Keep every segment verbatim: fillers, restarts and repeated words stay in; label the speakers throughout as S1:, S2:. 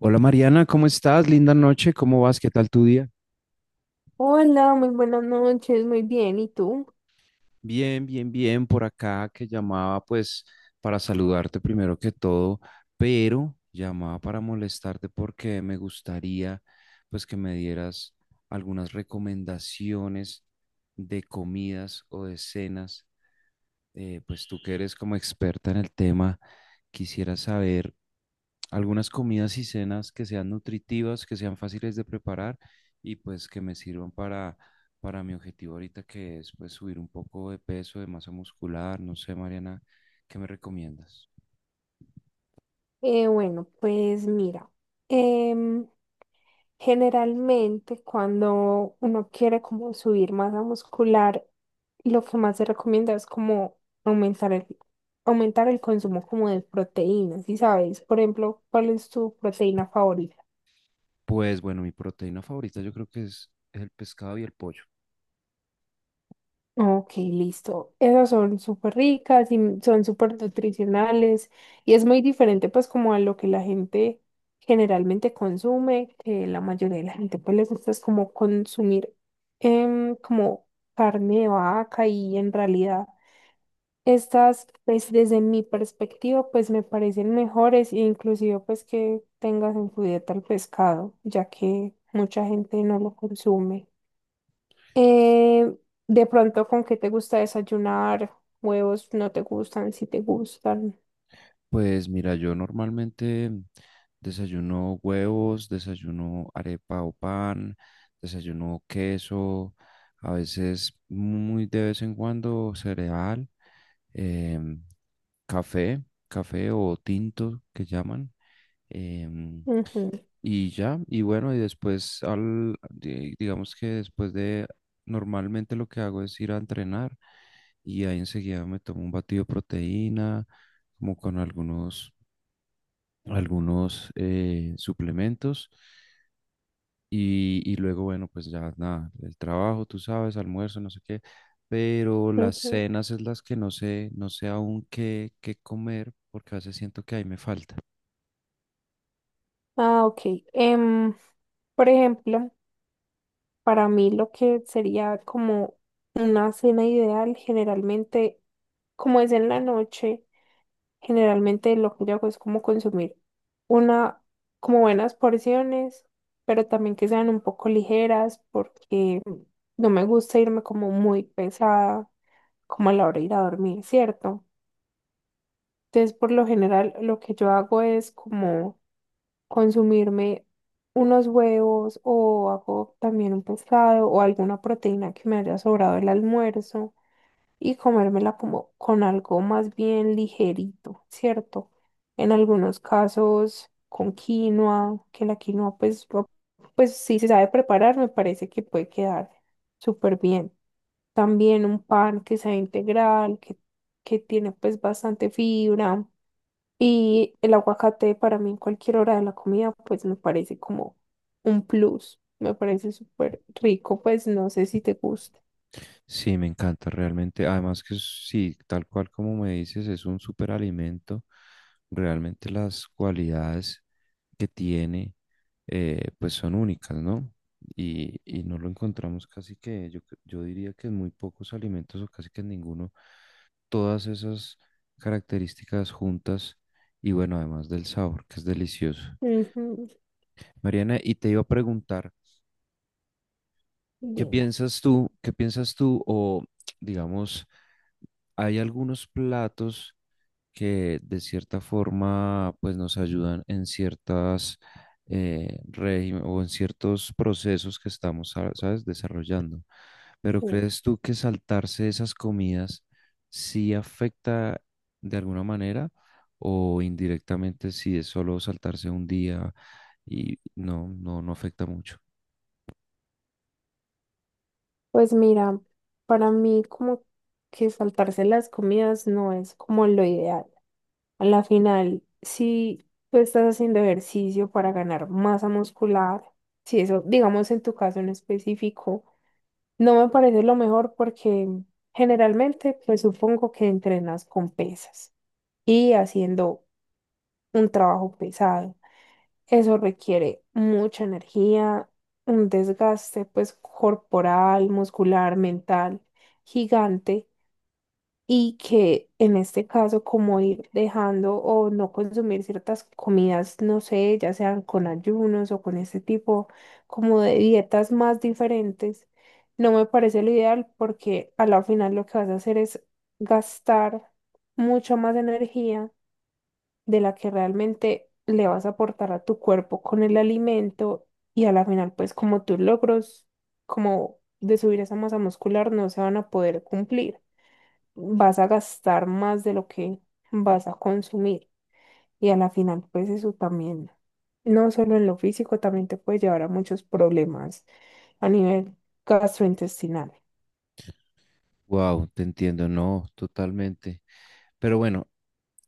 S1: Hola Mariana, ¿cómo estás? Linda noche, ¿cómo vas? ¿Qué tal tu día?
S2: Hola, muy buenas noches, muy bien. ¿Y tú?
S1: Bien, bien, bien, por acá que llamaba, pues, para saludarte primero que todo, pero llamaba para molestarte porque me gustaría pues que me dieras algunas recomendaciones de comidas o de cenas. Eh, pues tú que eres como experta en el tema, quisiera saber algunas comidas y cenas que sean nutritivas, que sean fáciles de preparar y pues que me sirvan para, para mi objetivo ahorita, que es pues subir un poco de peso, de masa muscular, no sé, Mariana, ¿qué me recomiendas?
S2: Eh, bueno, pues mira, em, Generalmente cuando uno quiere como subir masa muscular, lo que más se recomienda es como aumentar el, aumentar el consumo como de proteínas, ¿sí sabes? Por ejemplo, ¿cuál es tu proteína favorita?
S1: Pues bueno, mi proteína favorita yo creo que es el pescado y el pollo.
S2: Ok, listo. Esas son súper ricas y m- son súper nutricionales y es muy diferente pues como a lo que la gente generalmente consume, que la mayoría de la gente pues les gusta es como consumir em, como carne de vaca y en realidad estas pues desde mi perspectiva pues me parecen mejores e inclusive pues que tengas en tu dieta el pescado, ya que mucha gente no lo consume. Eh, de pronto, ¿con qué te gusta desayunar? Huevos no te gustan, si te gustan.
S1: Pues mira, yo normalmente desayuno huevos, desayuno arepa o pan, desayuno queso, a veces muy de vez en cuando cereal. em, Café, café o tinto que llaman. em,
S2: Ujú,
S1: y ya, y bueno, y después al, di- digamos que después de, normalmente lo que hago es ir a entrenar y ahí enseguida me tomo un batido de proteína, como con algunos, algunos eh, suplementos. Y, y luego, bueno, pues ya nada, el trabajo, tú sabes, almuerzo, no sé qué, pero las
S2: ujú.
S1: cenas es las que no sé, no sé aún qué, qué comer, porque a veces siento que ahí me falta.
S2: Ah, ok. Em, por ejemplo, para mí lo que sería como una cena ideal, generalmente, como es en la noche, generalmente lo que yo hago es como consumir una, como buenas porciones, pero también que sean un poco ligeras porque no me gusta irme como muy pesada, como a la hora de ir a dormir, ¿cierto? Entonces, por lo general, lo que yo hago es como consumirme unos huevos o hago también un pescado o alguna proteína que me haya sobrado el almuerzo y comérmela como con algo más bien ligerito, ¿cierto? En algunos casos con quinoa, que la quinoa pues, o- pues si se sabe preparar, me parece que puede quedar súper bien. También un pan que sea integral, que, que tiene pues bastante fibra. Y el aguacate para mí en cualquier hora de la comida pues me parece como un plus, me parece súper rico, pues no sé si te gusta.
S1: Sí, me encanta realmente. Además que es- sí, tal cual como me dices, es un superalimento. Realmente las cualidades que tiene, eh, pues son únicas, ¿no? Y, y no lo encontramos casi que, yo, cre- yo diría que en muy pocos alimentos o casi que en ninguno, todas esas características juntas, y bueno, además del sabor, que es delicioso.
S2: Ujú.
S1: Mariana, y te iba a preguntar, ¿qué
S2: Dime.
S1: piensas tú? ¿Qué piensas tú o digamos... hay algunos platos que de cierta forma pues nos ayudan en ciertas eh, régimen o en ciertos procesos que estamos, sa- ¿sabes?, desarrollando. Pero
S2: Tú.
S1: ¿crees tú que saltarse esas comidas sí afecta de alguna manera o indirectamente si es solo saltarse un día y no, no, no afecta mucho?
S2: Pues mira, para mí como que saltarse las comidas no es como lo ideal. A la final, si tú estás haciendo ejercicio para ganar masa muscular, si eso, digamos en tu caso en específico, no me parece lo mejor porque generalmente, pues supongo que entrenas con pesas y haciendo un trabajo pesado. Eso requiere mucha energía, un desgaste pues corporal, muscular, mental, gigante, y que en este caso como ir dejando o no consumir ciertas comidas, no sé, ya sean con ayunos o con este tipo como de dietas más diferentes, no me parece lo ideal porque a la final lo que vas a hacer es gastar mucha más energía de la que realmente le vas a aportar a tu cuerpo con el alimento, y a la final pues como tus logros como de subir esa masa muscular no se van a poder cumplir, vas a gastar más de lo que vas a consumir. Y a la final, pues eso también, no solo en lo físico, también te puede llevar a muchos problemas a nivel gastrointestinal.
S1: Wow, te entiendo, no, totalmente. Pero bueno,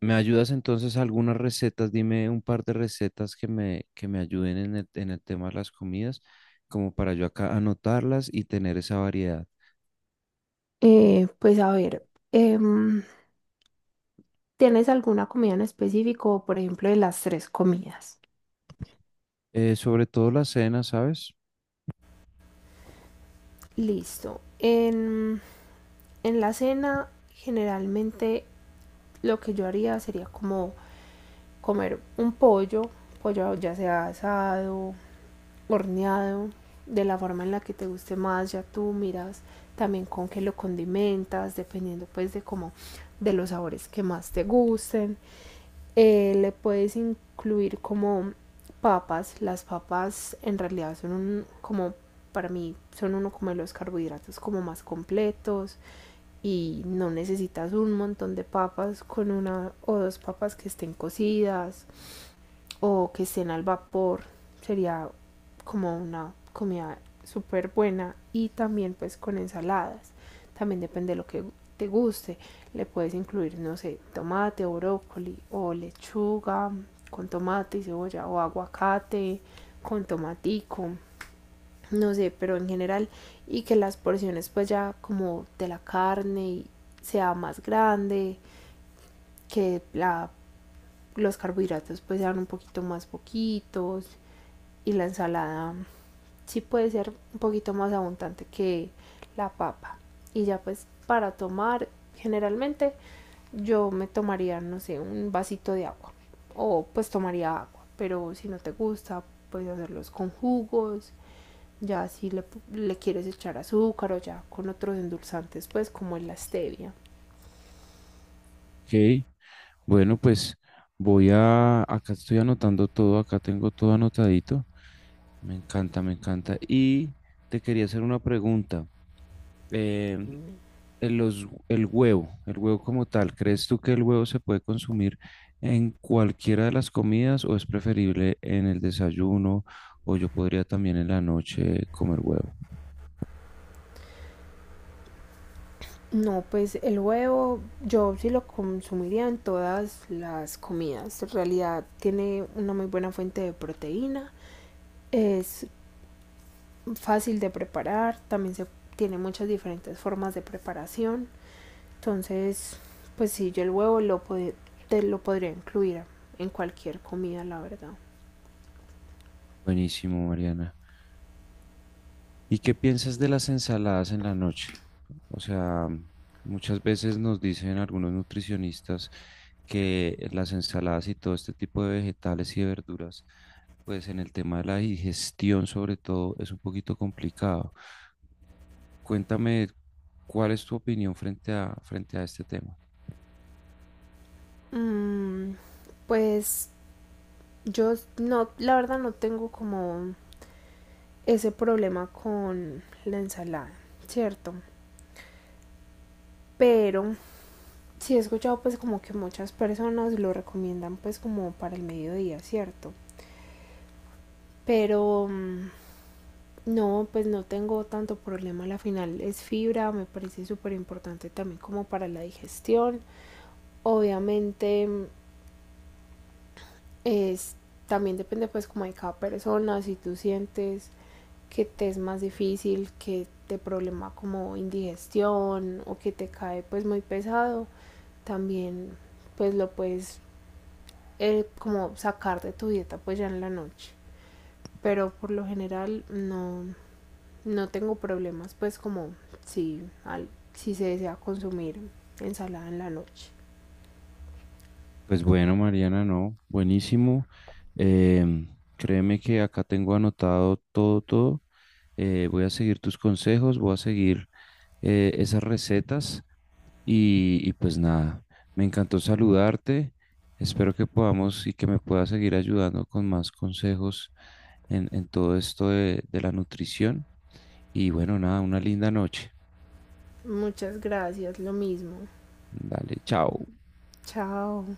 S1: ¿me ayudas entonces a algunas recetas? Dime un par de recetas que me, que me ayuden en el, en el tema de las comidas, como para yo acá anotarlas y tener esa variedad.
S2: Eh, pues a ver, em, ¿tienes alguna comida en específico, por ejemplo, de las tres comidas?
S1: Eh, sobre todo la cena, ¿sabes?
S2: Listo. En, en la cena, generalmente lo que yo haría sería como comer un pollo, pollo ya sea asado, horneado, de la forma en la que te guste más, ya tú miras también con qué lo condimentas, dependiendo pues de cómo, de los sabores que más te gusten. Eh, le puedes incluir como papas. Las papas en realidad son un, como para mí son uno como de los carbohidratos como más completos y no necesitas un montón de papas, con una o dos papas que estén cocidas o que estén al vapor sería como una comida súper buena. Y también pues con ensaladas, también depende de lo que te guste, le puedes incluir no sé tomate o brócoli o lechuga con tomate y cebolla o aguacate con tomatico, no sé, pero en general, y que las porciones pues ya como de la carne sea más grande que la los carbohidratos pues sean un poquito más poquitos, y la ensalada sí puede ser un poquito más abundante que la papa. Y ya pues para tomar, generalmente yo me tomaría, no sé, un vasito de agua. O pues tomaría agua. Pero si no te gusta, puedes hacerlos con jugos. Ya si le, le quieres echar azúcar o ya con otros endulzantes, pues como es la stevia.
S1: Ok, bueno, pues voy a... Acá estoy anotando todo, acá tengo todo anotadito. Me encanta, me encanta. Y te quería hacer una pregunta. eh, el, los- el huevo, el huevo como tal, ¿crees tú que el huevo se puede consumir en cualquiera de las comidas o es preferible en el desayuno, o yo podría también en la noche comer huevo?
S2: No, pues el huevo yo sí lo consumiría en todas las comidas. En realidad tiene una muy buena fuente de proteína, es fácil de preparar, también se tiene muchas diferentes formas de preparación. Entonces, pues sí, yo el huevo lo, pod- te lo podría incluir en cualquier comida, la verdad.
S1: Buenísimo, Mariana. ¿Y qué piensas de las ensaladas en la noche? O sea, muchas veces nos dicen algunos nutricionistas que las ensaladas y todo este tipo de vegetales y de verduras, pues en el tema de la digestión sobre todo es un poquito complicado. Cuéntame, ¿cuál es tu opinión frente a, frente a este tema?
S2: Mm, pues yo no, la verdad no tengo como ese problema con la ensalada, ¿cierto? Pero sí, he escuchado pues como que muchas personas lo recomiendan pues como para el mediodía, ¿cierto? Pero mm, no, pues no tengo tanto problema. A la final es fibra, me parece súper importante también como para la digestión. Obviamente mm, es, también depende pues como de cada persona, si tú sientes que te es más difícil, que te problema como indigestión o que te cae pues muy pesado, también pues lo puedes eh, como sacar de tu dieta pues ya en la noche. Pero por lo general no, no tengo problemas pues como si, al, si se desea consumir ensalada en la noche.
S1: Pues bueno, Mariana, no, buenísimo. Em, Créeme que acá tengo anotado todo, todo. Eh, voy a seguir tus consejos, voy a seguir eh, esas recetas y, y pues nada, me encantó saludarte. Espero que podamos y que me puedas seguir ayudando con más consejos en, en todo esto de, de la nutrición. Y bueno, nada, una linda noche.
S2: Muchas gracias, lo mismo.
S1: Dale, chao.
S2: Chao.